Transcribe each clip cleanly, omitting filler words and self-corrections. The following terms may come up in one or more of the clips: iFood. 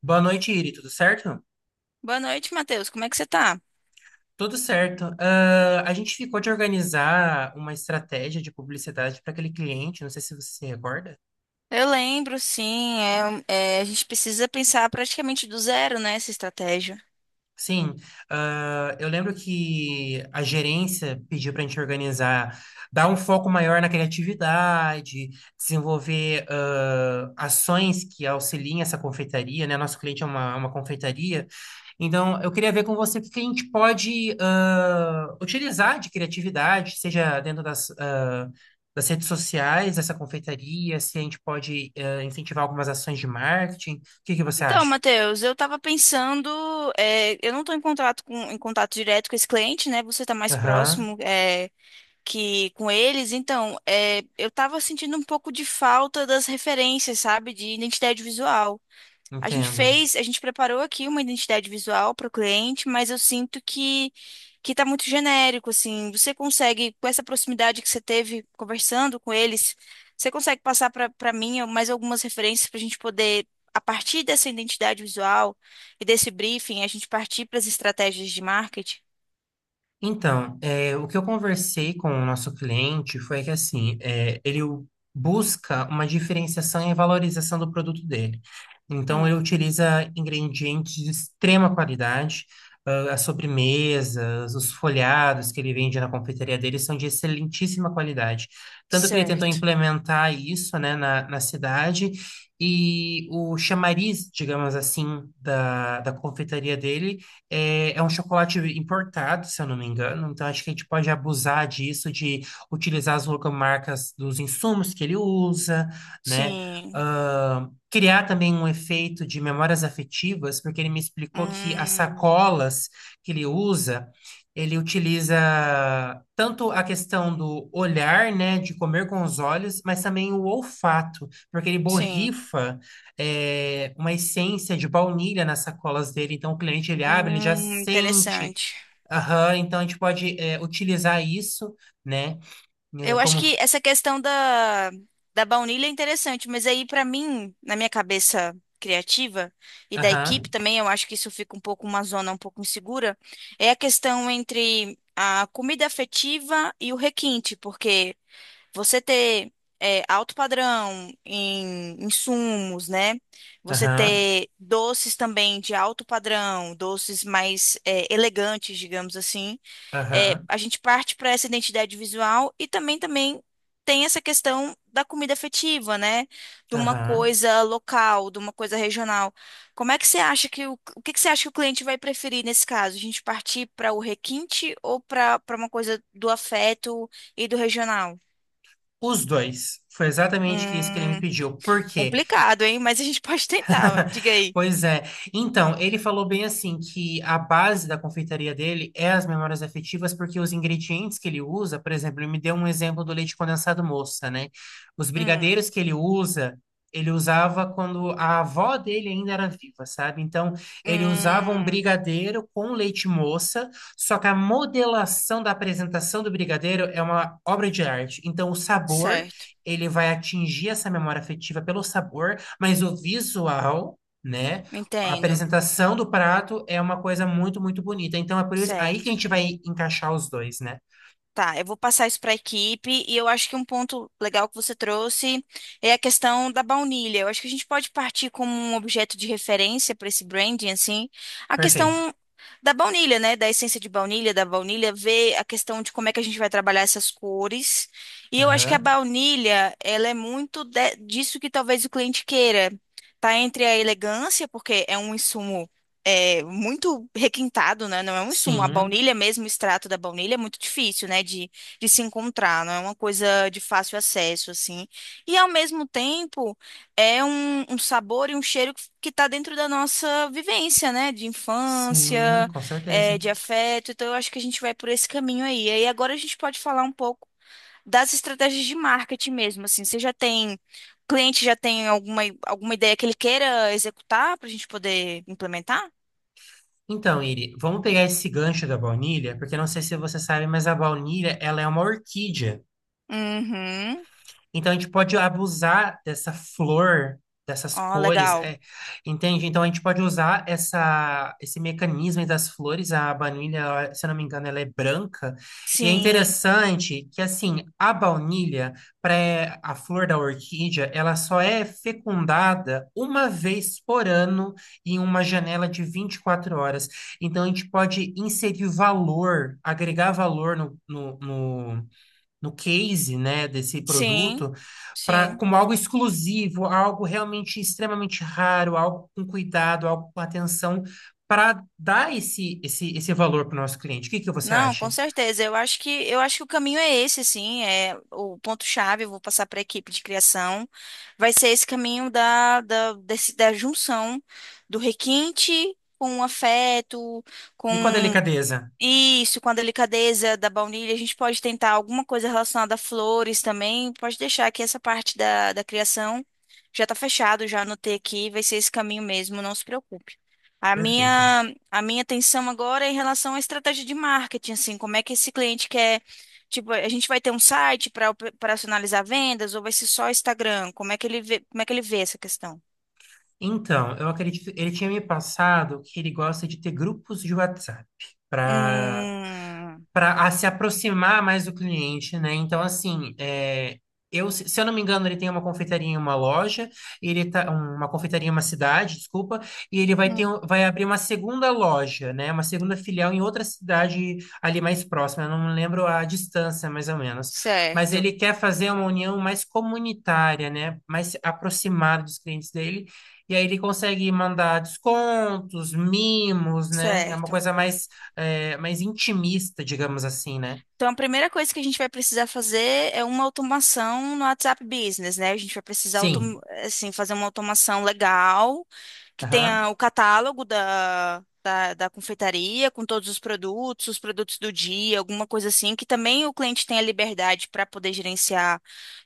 Boa noite, Iri. Tudo certo? Boa noite, Matheus. Como é que você tá? Tudo certo. A gente ficou de organizar uma estratégia de publicidade para aquele cliente, não sei se você se recorda. Eu lembro, sim. A gente precisa pensar praticamente do zero, né, essa estratégia. Sim, eu lembro que a gerência pediu para a gente organizar, dar um foco maior na criatividade, desenvolver ações que auxiliem essa confeitaria, né? Nosso cliente é uma confeitaria. Então, eu queria ver com você o que que a gente pode utilizar de criatividade, seja dentro das, das redes sociais, dessa confeitaria, se a gente pode incentivar algumas ações de marketing. O que que você Então, acha? Matheus, eu estava pensando, eu não estou em contato com, em contato direto com esse cliente, né? Você está mais Aham, próximo, que com eles. Então, eu estava sentindo um pouco de falta das referências, sabe, de identidade visual. A gente entendo. fez, a gente preparou aqui uma identidade visual para o cliente, mas eu sinto que tá muito genérico, assim. Você consegue, com essa proximidade que você teve conversando com eles, você consegue passar para mim mais algumas referências para a gente poder, a partir dessa identidade visual e desse briefing, a gente partir para as estratégias de marketing? Então, é, o que eu conversei com o nosso cliente foi que, assim, é, busca uma diferenciação e valorização do produto dele. Então, ele Hum, utiliza ingredientes de extrema qualidade, as sobremesas, os folhados que ele vende na confeitaria dele são de excelentíssima qualidade. Tanto que ele tentou certo. implementar isso, né, na cidade, e o chamariz, digamos assim, da confeitaria dele é, é um chocolate importado, se eu não me engano, então acho que a gente pode abusar disso, de utilizar as logomarcas dos insumos que ele usa, né? Sim. Ah, criar também um efeito de memórias afetivas, porque ele me explicou que as Hum, sacolas que ele usa, ele utiliza tanto a questão do olhar, né, de comer com os olhos, mas também o olfato, porque ele sim. borrifa uma essência de baunilha nas sacolas dele. Então, o cliente ele abre, ele já sente. Interessante. Aham, então a gente pode utilizar isso, né? eh, Eu acho Como. que essa questão da baunilha é interessante, mas aí pra mim, na minha cabeça criativa e da equipe Aham, também, eu acho que isso fica um pouco uma zona um pouco insegura, é a questão entre a comida afetiva e o requinte, porque você ter alto padrão em insumos, né? Você aham, ter doces também de alto padrão, doces mais elegantes, digamos assim. É, aham, a gente parte para essa identidade visual e também tem essa questão da comida afetiva, né? De uma aham. coisa local, de uma coisa regional. Como é que você acha que o que que você acha que o cliente vai preferir nesse caso? A gente partir para o requinte ou para uma coisa do afeto e do regional? Os dois. Foi exatamente isso que ele me Hum, pediu. Por quê? complicado, hein? Mas a gente pode tentar. Ó. Diga aí. Pois é. Então, ele falou bem assim que a base da confeitaria dele é as memórias afetivas, porque os ingredientes que ele usa, por exemplo, ele me deu um exemplo do leite condensado moça, né? Os Hum, brigadeiros que ele usa, ele usava quando a avó dele ainda era viva, sabe? Então, ele usava um hum, brigadeiro com leite moça, só que a modelação da apresentação do brigadeiro é uma obra de arte. Então, o sabor, certo. ele vai atingir essa memória afetiva pelo sabor. Mas o visual, né? A Entendo. apresentação do prato é uma coisa muito, muito bonita. Então é por isso aí que a Certo. gente vai encaixar os dois, né? Tá, eu vou passar isso para a equipe e eu acho que um ponto legal que você trouxe é a questão da baunilha. Eu acho que a gente pode partir como um objeto de referência para esse branding, assim, a Perfeito. questão da baunilha, né? Da essência de baunilha, da baunilha, ver a questão de como é que a gente vai trabalhar essas cores. E eu acho que a Aham. baunilha, ela é muito disso que talvez o cliente queira. Tá entre a elegância, porque é um insumo muito requintado, né? Não é um insumo. A Sim, baunilha mesmo, o extrato da baunilha é muito difícil, né? De se encontrar, não é uma coisa de fácil acesso, assim. E ao mesmo tempo é um sabor e um cheiro que está dentro da nossa vivência, né? De sim, infância, com certeza. de afeto. Então eu acho que a gente vai por esse caminho aí. E agora a gente pode falar um pouco das estratégias de marketing mesmo, assim. Você já tem o cliente já tem alguma, alguma ideia que ele queira executar para a gente poder implementar? Então, Iri, vamos pegar esse gancho da baunilha, porque eu não sei se você sabe, mas a baunilha, ela é uma orquídea. Uhum. Então a gente pode abusar dessa flor, dessas Ó, cores, legal. é, entende? Então a gente pode usar essa, esse mecanismo das flores. A baunilha, ela, se eu não me engano, ela é branca. E é Sim, interessante que assim a flor da orquídea, ela só é fecundada uma vez por ano em uma janela de 24 horas. Então a gente pode inserir valor, agregar valor no case, né, desse sim, produto, para sim. como algo exclusivo, algo realmente extremamente raro, algo com cuidado, algo com atenção, para dar esse valor para o nosso cliente. O que que você Não, com acha? certeza. Eu acho que o caminho é esse, assim, é o ponto-chave, eu vou passar para a equipe de criação. Vai ser esse caminho da junção do requinte com o afeto, com. E com a delicadeza? Isso, com a delicadeza da baunilha, a gente pode tentar alguma coisa relacionada a flores também. Pode deixar que essa parte da criação já tá fechado, já anotei aqui, vai ser esse caminho mesmo, não se preocupe. Perfeito. A minha atenção agora é em relação à estratégia de marketing, assim, como é que esse cliente quer, tipo, a gente vai ter um site para operacionalizar vendas ou vai ser só Instagram? Como é que ele vê essa questão? Então, eu acredito, ele tinha me passado que ele gosta de ter grupos de WhatsApp para Hum, para se aproximar mais do cliente, né? Então, assim, é, eu, se eu não me engano, ele tem uma confeitaria em uma loja, ele tá, um, uma confeitaria em uma cidade, desculpa, e ele vai ter, hum, um- vai abrir uma segunda loja, né? Uma segunda filial em outra cidade ali mais próxima. Eu não me lembro a distância, mais ou menos. Mas certo, ele quer fazer uma união mais comunitária, né? Mais aproximada dos clientes dele. E aí ele consegue mandar descontos, mimos, né? É uma certo. coisa mais mais intimista, digamos assim, né? Então, a primeira coisa que a gente vai precisar fazer é uma automação no WhatsApp Business, né? A gente vai precisar, Sim. assim, fazer uma automação legal, que Aham. tenha o catálogo da confeitaria, com todos os produtos do dia, alguma coisa assim, que também o cliente tenha liberdade para poder gerenciar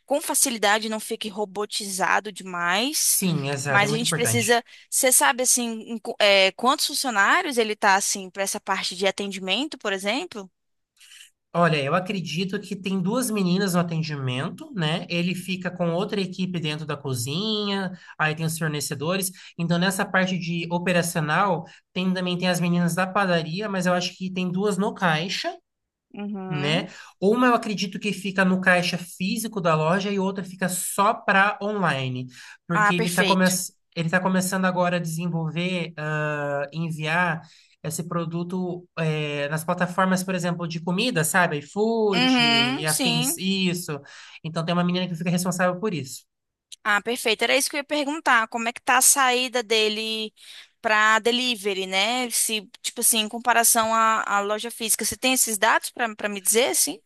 com facilidade, não fique robotizado demais. Sim, exato, é Mas a muito gente importante. precisa, você sabe, assim, em quantos funcionários ele tá, assim, para essa parte de atendimento, por exemplo? Olha, eu acredito que tem duas meninas no atendimento, né? Ele fica com outra equipe dentro da cozinha, aí tem os fornecedores. Então, nessa parte de operacional, também tem as meninas da padaria, mas eu acho que tem duas no caixa, né? Uhum. Uma eu acredito que fica no caixa físico da loja e outra fica só para online, porque Ah, perfeito. ele tá começando agora a desenvolver, enviar esse produto nas plataformas, por exemplo, de comida, sabe? iFood e Uhum, afins, sim. isso. Então tem uma menina que fica responsável por isso. Ah, perfeito. Era isso que eu ia perguntar. Como é que tá a saída dele para delivery, né? Se, tipo assim, em comparação à loja física, você tem esses dados para me dizer, assim?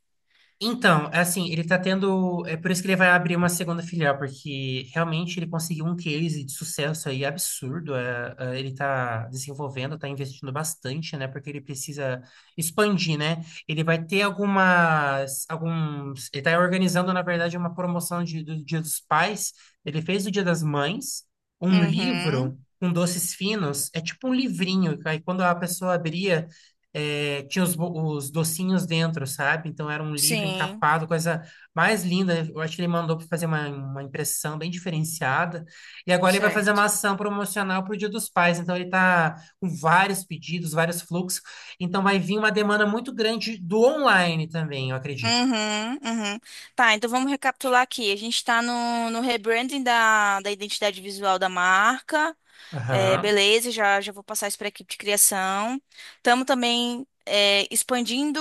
Então, é assim, ele tá tendo. É por isso que ele vai abrir uma segunda filial, porque realmente ele conseguiu um case de sucesso aí absurdo. É, é, ele tá desenvolvendo, tá investindo bastante, né? Porque ele precisa expandir, né? Ele vai ter algumas, alguns. Ele tá organizando, na verdade, uma promoção do Dia dos Pais. Ele fez o Dia das Mães, um Uhum, livro com doces finos. É tipo um livrinho, aí quando a pessoa abria. É, tinha os docinhos dentro, sabe? Então era um livro sim, encapado, coisa mais linda. Eu acho que ele mandou para fazer uma impressão bem diferenciada. E agora ele vai fazer certo. uma ação promocional para o Dia dos Pais. Então ele está com vários pedidos, vários fluxos. Então vai vir uma demanda muito grande do online também, eu acredito. Uhum, uhum. Tá, então vamos recapitular aqui. A gente está no rebranding da identidade visual da marca. É, Aham, beleza, já vou passar isso para a equipe de criação. Estamos também expandindo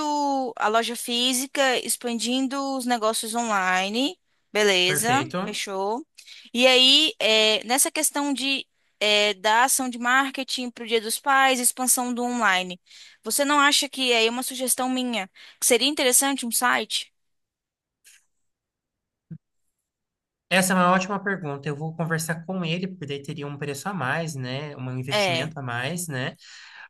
a loja física, expandindo os negócios online. Beleza, perfeito. fechou. E aí, nessa questão de, da ação de marketing para o Dia dos Pais, expansão do online, você não acha que aí é uma sugestão minha que seria interessante um site? Essa é uma ótima pergunta. Eu vou conversar com ele, porque daí teria um preço a mais, né? Um É. investimento a mais, né?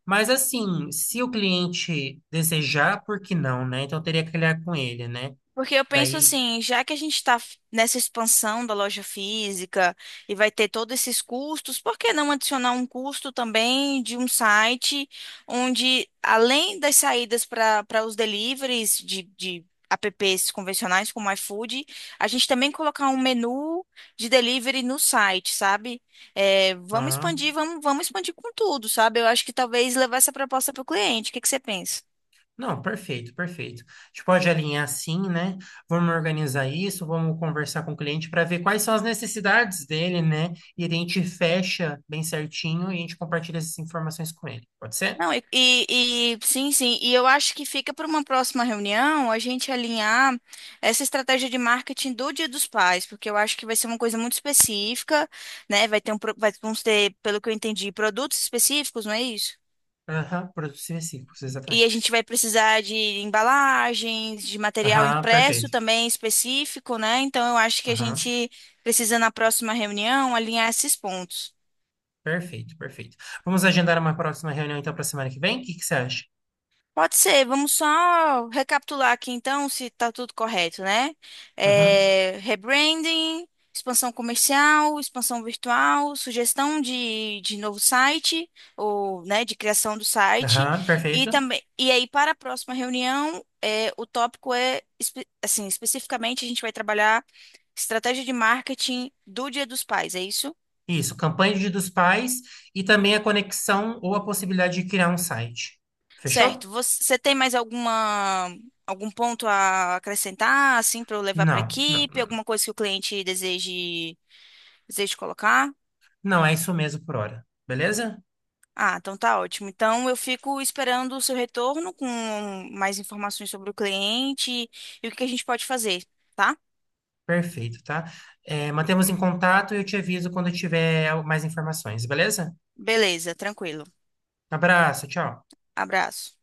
Mas assim, se o cliente desejar, por que não, né? Então eu teria que olhar com ele, né? Porque eu penso Daí, assim, já que a gente está nessa expansão da loja física e vai ter todos esses custos, por que não adicionar um custo também de um site onde, além das saídas para os deliveries de apps convencionais como iFood, a gente também colocar um menu de delivery no site, sabe? É, vamos ah, expandir, vamos expandir com tudo, sabe? Eu acho que talvez levar essa proposta para o cliente. O que que você pensa? não, perfeito, perfeito. A gente pode alinhar assim, né? Vamos organizar isso, vamos conversar com o cliente para ver quais são as necessidades dele, né? E a gente fecha bem certinho e a gente compartilha essas informações com ele. Pode ser? Não, sim, sim. E eu acho que fica para uma próxima reunião a gente alinhar essa estratégia de marketing do Dia dos Pais, porque eu acho que vai ser uma coisa muito específica, né? Vai ter um, vamos ter, pelo que eu entendi, produtos específicos, não é isso? Aham, produtos e reciclos, E a exatamente. gente vai precisar de embalagens, de material Aham, impresso perfeito. também específico, né? Então eu acho que a Aham, gente precisa na próxima reunião alinhar esses pontos. perfeito, perfeito. Vamos agendar uma próxima reunião então para semana que vem? O que que você acha? Pode ser, vamos só recapitular aqui então se está tudo correto, né? Uhum. É, rebranding, expansão comercial, expansão virtual, sugestão de novo site, ou né, de criação do site, Aham, e perfeito. também e aí para a próxima reunião, é, o tópico é assim, especificamente a gente vai trabalhar estratégia de marketing do Dia dos Pais, é isso? Isso, campanha de dos pais e também a conexão ou a possibilidade de criar um site. Fechou? Certo. Você tem mais alguma algum ponto a acrescentar, assim, para eu levar para a Não, não, equipe? não. Não, Alguma coisa que o cliente deseje colocar? não, é isso mesmo por hora. Beleza? Ah, então tá ótimo. Então eu fico esperando o seu retorno com mais informações sobre o cliente e o que que a gente pode fazer, tá? Perfeito, tá? É, mantemos em contato e eu te aviso quando eu tiver mais informações, beleza? Beleza, tranquilo. Abraço, tchau. Abraço.